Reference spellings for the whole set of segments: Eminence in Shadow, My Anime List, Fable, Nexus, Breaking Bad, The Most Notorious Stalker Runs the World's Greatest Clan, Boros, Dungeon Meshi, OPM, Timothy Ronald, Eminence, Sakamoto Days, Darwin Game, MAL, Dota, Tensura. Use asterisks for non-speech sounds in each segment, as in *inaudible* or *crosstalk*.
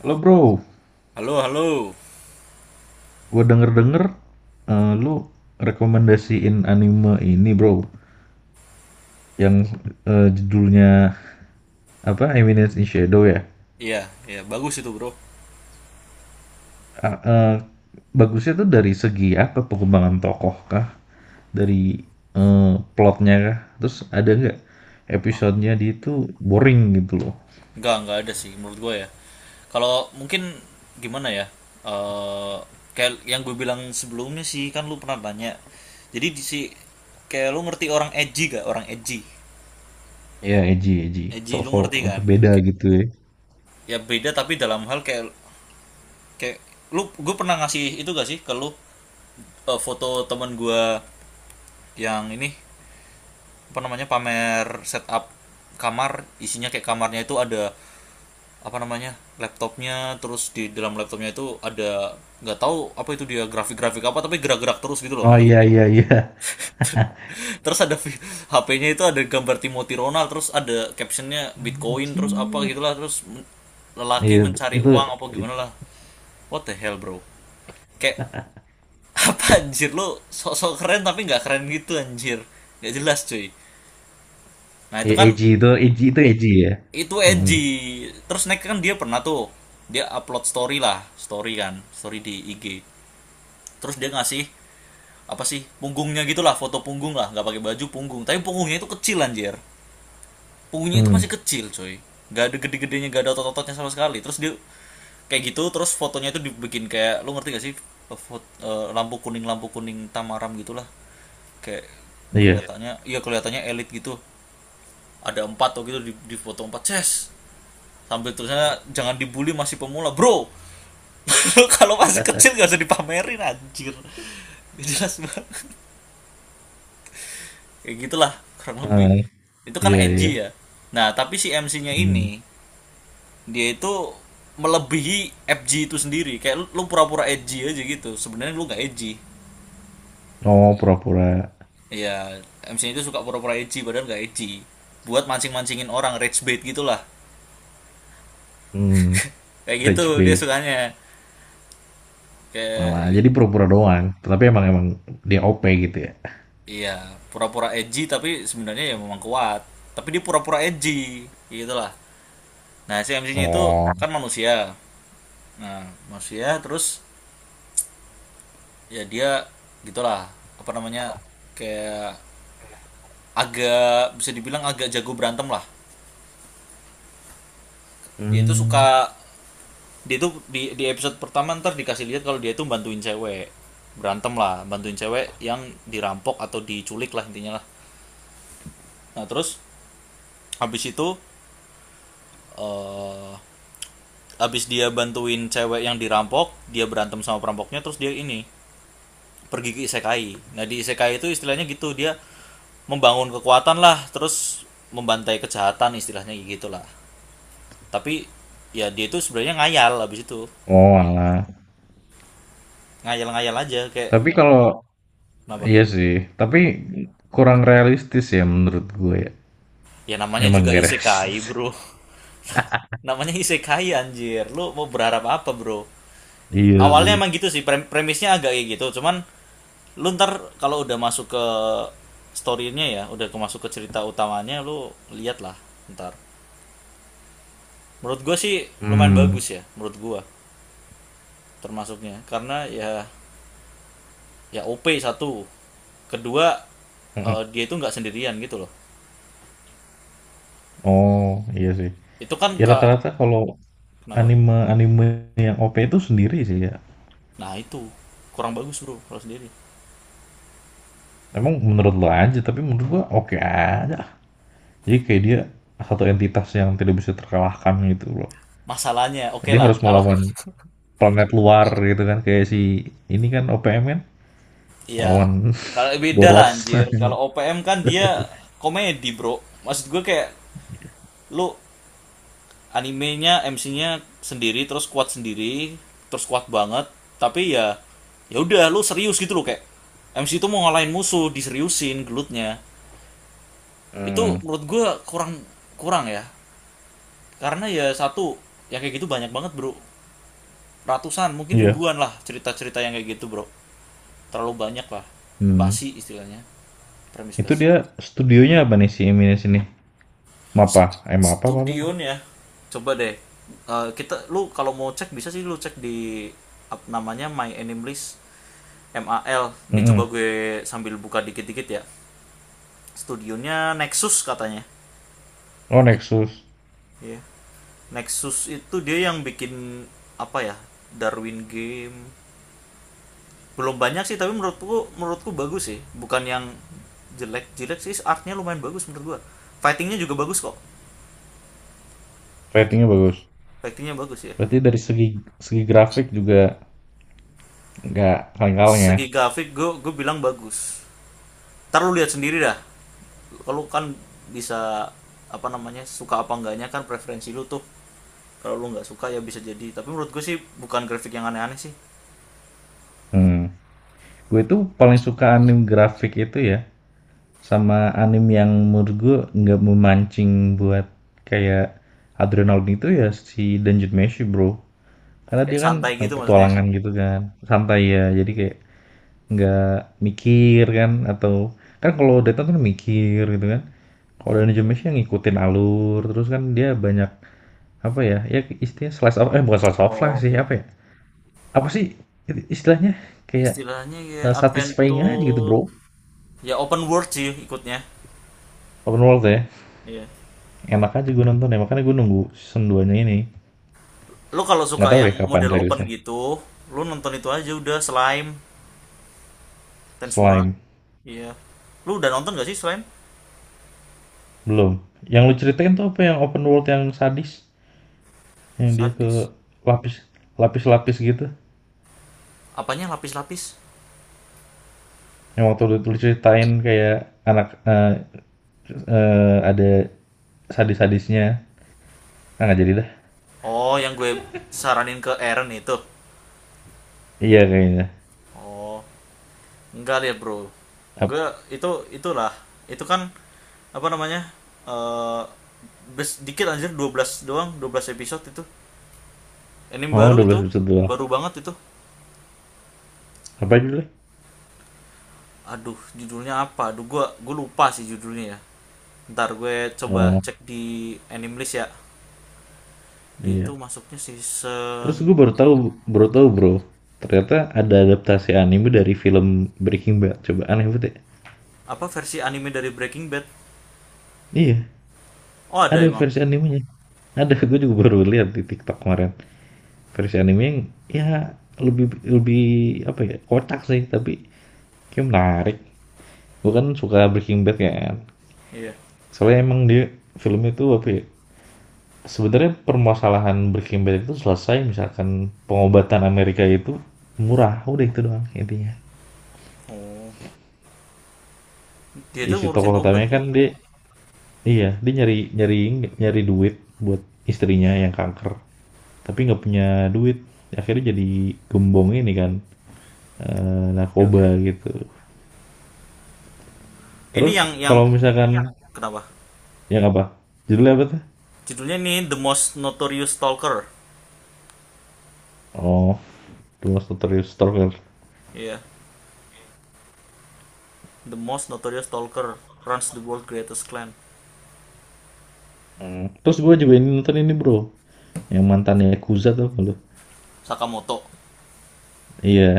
Halo bro, Halo, halo. gue denger-denger lu rekomendasiin anime ini bro, yang judulnya apa Eminence in Shadow ya. Iya, iya, bagus itu, Bro. Ah, bagusnya tuh dari segi apa pengembangan tokoh kah? Dari eh, plotnya kah? Terus ada nggak episodenya dia itu boring gitu loh? Enggak ada sih menurut gue ya. Kalau mungkin gimana ya? Eh kayak yang gue bilang sebelumnya sih kan lu pernah tanya. Jadi di si kayak lu ngerti orang edgy gak? Orang edgy. Ya edgy, edgy, Edgy lu sok-sok ngerti apa kan? beda Kayak- gitu ya. ya beda tapi dalam hal kayak kayak gue pernah ngasih itu gak sih ke lu, foto temen gue yang ini apa namanya pamer setup kamar isinya kayak kamarnya itu ada apa namanya laptopnya terus di dalam laptopnya itu ada nggak tahu apa itu dia grafik-grafik apa tapi gerak-gerak terus gitu loh Oh, iya grafiknya. iya iya. *laughs* Terus ada HP-nya itu ada gambar Timothy Ronald terus ada captionnya Bitcoin terus apa Anjir. gitulah terus lelaki Iya, mencari itu, uang apa gimana itu lah, what the hell bro, kayak *laughs* apa anjir lu sok-sok keren tapi nggak keren gitu anjir, nggak jelas cuy. Nah itu ya, kan edgy itu, edgy itu edgy ya. itu Mm. edgy. Terus naik kan dia pernah tuh dia upload story lah story kan story di IG terus dia ngasih apa sih punggungnya gitulah foto punggung lah nggak pakai baju punggung tapi punggungnya itu kecil anjir, punggungnya itu Mmm, masih kecil coy, nggak ada gede-gedenya nggak ada otot-ototnya sama sekali terus dia kayak gitu terus fotonya itu dibikin kayak lu ngerti gak sih. Lampu kuning tamaram gitulah kayak iya, kelihatannya iya kelihatannya elit gitu, ada empat tuh gitu di foto empat ces sambil tulisannya jangan dibully masih pemula bro. *laughs* Kalau masih kecil gak usah dipamerin anjir, jelas banget kayak gitulah kurang lebih. heeh, Itu kan iya iya, edgy ya. Nah tapi si MC-nya mmm, ini dia itu melebihi FG itu sendiri, kayak lu, pura-pura edgy aja gitu sebenarnya lu nggak edgy oh pura-pura, ya. MC-nya itu suka pura-pura edgy padahal nggak edgy buat mancing-mancingin orang, rage bait gitulah. mmm, Kayak gitu rage dia bait sukanya, malah, kayak, jadi pura-pura doang, tapi emang emang dia OP gitu ya? iya, pura-pura edgy tapi sebenarnya ya memang kuat. Tapi dia pura-pura edgy, gitu lah. Nah, si MC-nya itu Oh, kan manusia. Nah, manusia terus ya dia gitulah, apa namanya? Kayak agak bisa dibilang agak jago berantem lah. Dia itu mmm, suka dia itu di episode pertama ntar dikasih lihat kalau dia itu bantuin cewek berantem lah, bantuin cewek yang dirampok atau diculik lah intinya lah. Nah, terus habis itu, eh uh, abis dia bantuin cewek yang dirampok dia berantem sama perampoknya terus dia ini pergi ke isekai, nah di isekai itu istilahnya gitu dia membangun kekuatan lah terus membantai kejahatan istilahnya gitu lah. Tapi ya dia itu sebenarnya ngayal abis itu, oh alah, ngayal-ngayal aja kayak tapi kalau kenapa, iya sih, tapi kurang realistis ya menurut gue ya, ya namanya emang juga nggak *laughs* isekai realistis. bro. *laughs* Namanya isekai anjir lu mau berharap apa bro. Iya Awalnya sih, emang gitu sih premisnya agak kayak gitu, cuman lu ntar kalau udah masuk ke story-nya ya udah masuk ke cerita utamanya lu lihat lah ntar. Menurut gue sih lumayan mmm, bagus ya menurut gue, termasuknya karena ya ya OP satu, kedua, mhm, dia itu nggak sendirian gitu loh. oh, iya sih, Itu kan ya rata-rata kalau kenapa, anime-anime yang OP itu sendiri sih ya, nah itu kurang bagus bro kalau sendiri. emang menurut lo aja, tapi menurut gua oke aja. Jadi kayak dia satu entitas yang tidak bisa terkalahkan gitu loh. Masalahnya oke Dia lah harus kalau, melawan planet luar gitu kan kayak si ini kan OPM kan iya, lawan kalau *laughs* beda lah Boros. anjir. Kalau *laughs* OPM kan dia komedi, bro. Maksud gue kayak lu, animenya, MC-nya sendiri, terus kuat banget. Tapi ya, ya udah lu serius gitu loh kayak MC itu mau ngalahin musuh, diseriusin gelutnya. Itu Hmm. menurut gue kurang kurang ya. Karena ya satu, ya kayak gitu banyak banget, bro. Ratusan, mungkin Iya. ribuan lah cerita-cerita yang kayak gitu, bro. Terlalu banyak lah. Hmm. Basi istilahnya. Premis Itu basi. dia studionya apa nih si Eminis ini? Mapa, Mapa apa apa? Studion ya. Coba deh. Kita lu kalau mau cek bisa sih lu cek di namanya My Anime List, MAL. Ini coba Mm-mm. gue sambil buka dikit-dikit ya. Studionya Nexus katanya. Oh Nexus, Iya. Nexus itu dia yang bikin apa ya? Darwin Game. Belum banyak sih tapi menurutku menurutku bagus sih. Bukan yang jelek-jelek sih, artnya lumayan bagus menurut gua. Fightingnya juga bagus kok. ratingnya bagus. Fightingnya bagus ya. Berarti dari segi segi grafik juga nggak kaleng-kaleng ya. Segi grafik gue bilang bagus, ntar lu lihat sendiri dah, kalau kan bisa apa namanya suka apa enggaknya kan preferensi lu tuh. Kalau lu nggak suka ya bisa jadi, tapi menurut gue sih bukan grafik yang aneh-aneh sih. Hmm. Gue itu paling suka anime grafik itu ya. Sama anime yang menurut gue nggak memancing buat kayak adrenalin itu ya si Dungeon Meshi bro. Karena Kayak dia kan santai gitu maksudnya. petualangan gitu kan, santai ya. Jadi kayak nggak mikir kan atau kan kalau Dota tuh mikir gitu kan. Kalau Oh Dungeon oh. Meshi yang ngikutin alur terus kan dia banyak apa ya? Ya istilahnya slice of eh bukan slice of Oh, life sih oke apa oke. ya? Apa sih istilahnya kayak Istilahnya ya satisfying aja gitu adventure. bro. Ya open world sih ikutnya. Open world ya Iya. enak aja gue nonton ya makanya gue nunggu season 2 nya ini. Lu kalau Nggak suka tahu yang ya kapan model open rilisnya. gitu lu nonton itu aja udah slime, Tensura. Slime. Iya. Lu udah nonton gak sih slime? Belum. Yang lu ceritain tuh apa yang open world yang sadis? Yang dia ke Sadis, lapis lapis-lapis gitu. apanya lapis-lapis. Yang waktu lu ceritain kayak anak ada sadis-sadisnya. Ah, nggak jadi dah. Oh yang gue saranin ke Eren itu? Iya kayaknya. Oh, enggak ya bro. Ap- Gue itu itulah. Itu kan apa namanya? Eh dikit anjir, 12 doang, 12 episode itu. Anime Oh, baru itu, 12 episode doang. baru banget itu. Apa aja boleh. Aduh, judulnya apa? Aduh, gue lupa sih judulnya ya. Ntar gue coba Oh, cek di anime list ya. Di itu iya. masuknya season, Terus gue baru tahu, Bro. Ternyata ada adaptasi anime dari film Breaking Bad. Coba aneh banget ya. apa versi anime dari Breaking Bad. Iya, Oh, ada ada emang. versi animenya. Ada, gue juga baru lihat di TikTok kemarin. Versi anime ya lebih lebih apa ya? Kocak sih, tapi kayak menarik. Gue kan suka Oh, Breaking Bad ya, kan. iya. Soalnya emang dia film itu apa ya? Sebenarnya permasalahan Breaking Bad itu selesai misalkan pengobatan Amerika itu murah, udah itu doang intinya. Oh, dia itu Isi ngurusin tokoh obat utamanya ya. kan dia iya, dia nyari nyari nyari duit buat istrinya yang kanker, tapi nggak punya duit. Akhirnya jadi gembong ini kan. Oke, oke. Narkoba gitu. Ini Terus yang kalau misalkan. Iya. kenapa? Yang apa? Judulnya apa tuh? Judulnya nih The Most Notorious Stalker. Oh, The Most Notorious Stalker. Iya, yeah. The Most Notorious Stalker Runs the World's Greatest Clan. Mmm, terus gue juga ini nonton ini, Bro, yang mantannya yakuza tuh gak lu? Sakamoto. Iya,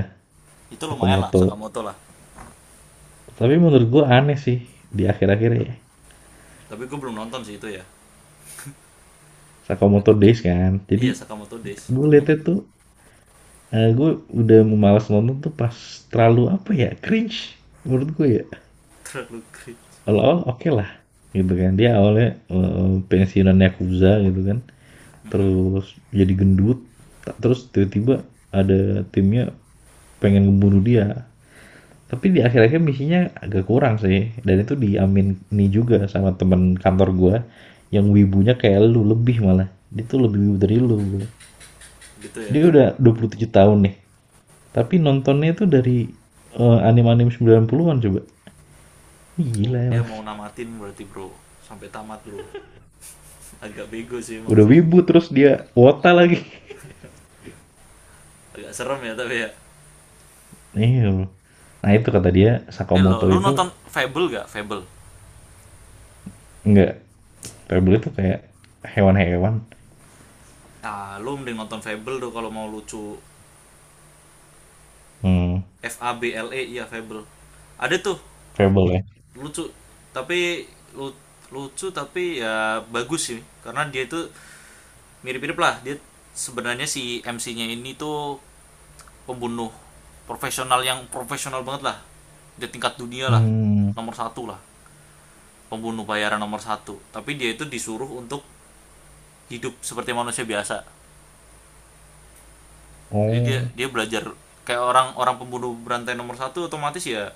Itu lumayan lah Sakamoto. Sakamoto lah. Tapi menurut gue aneh sih di akhir-akhir ya, Tapi gue belum nonton sih itu ya. Sakamoto Days kan. Jadi Iya Sakamoto Days gue belum liatnya nonton. tuh, gue udah mau malas nonton tuh pas terlalu apa ya, cringe menurut gue ya. *laughs* Terlalu cringe. Awal-awal oke lah gitu kan, dia awalnya, pensiunan yakuza gitu kan. Terus jadi gendut terus tiba-tiba ada timnya pengen ngebunuh dia tapi di akhir-akhir misinya agak kurang sih dan itu diamin nih juga sama teman kantor gue yang wibunya kayak lu lebih malah dia tuh lebih wibu dari lu bro. Gitu ya. Dia udah 27 tahun nih tapi nontonnya itu dari anime-anime 90-an coba Oh, gila dia emang. mau namatin berarti bro. Sampai tamat bro. Agak bego sih emang Udah sih. wibu terus dia wota lagi. Agak serem ya tapi ya. Iya, nah itu kata dia Eh lo, Sakamoto lu itu nonton Fable gak? Fable. enggak. Pebble itu kayak hewan-hewan. Ah, lu mending nonton Fable tuh kalau mau lucu. Hmm. FABLE iya Fable. Ada tuh Fable ya? lucu tapi lu- lucu tapi ya bagus sih, karena dia itu mirip-mirip lah dia sebenarnya si MC-nya ini tuh pembunuh profesional yang profesional banget lah, dia tingkat dunia lah, Hmm. nomor satu lah, pembunuh bayaran nomor satu tapi dia itu disuruh untuk hidup seperti manusia biasa. Jadi dia Oh, dia belajar kayak orang orang pembunuh berantai nomor satu otomatis ya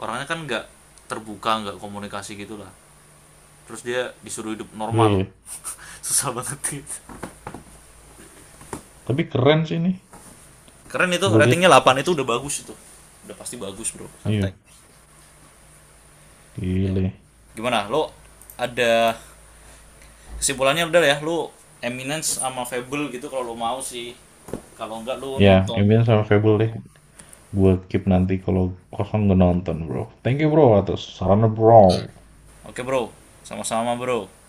orangnya kan nggak terbuka, nggak komunikasi gitulah, terus dia disuruh hidup iya normal. iya. *laughs* Susah banget gitu. Tapi keren sih ini, Keren itu gue lihat ratingnya 8 itu udah bagus itu, udah pasti bagus bro santai, iya, ya. gile. Gimana lo, ada kesimpulannya udah ya lo, Eminence sama Fable gitu kalau lo mau sih, kalau enggak lo Ya nonton. Ambien sama Fable deh, gue keep nanti kalau kosong gue nonton, Bro. Thank you, Bro, atas sarannya, Bro. Oke bro, sama-sama bro.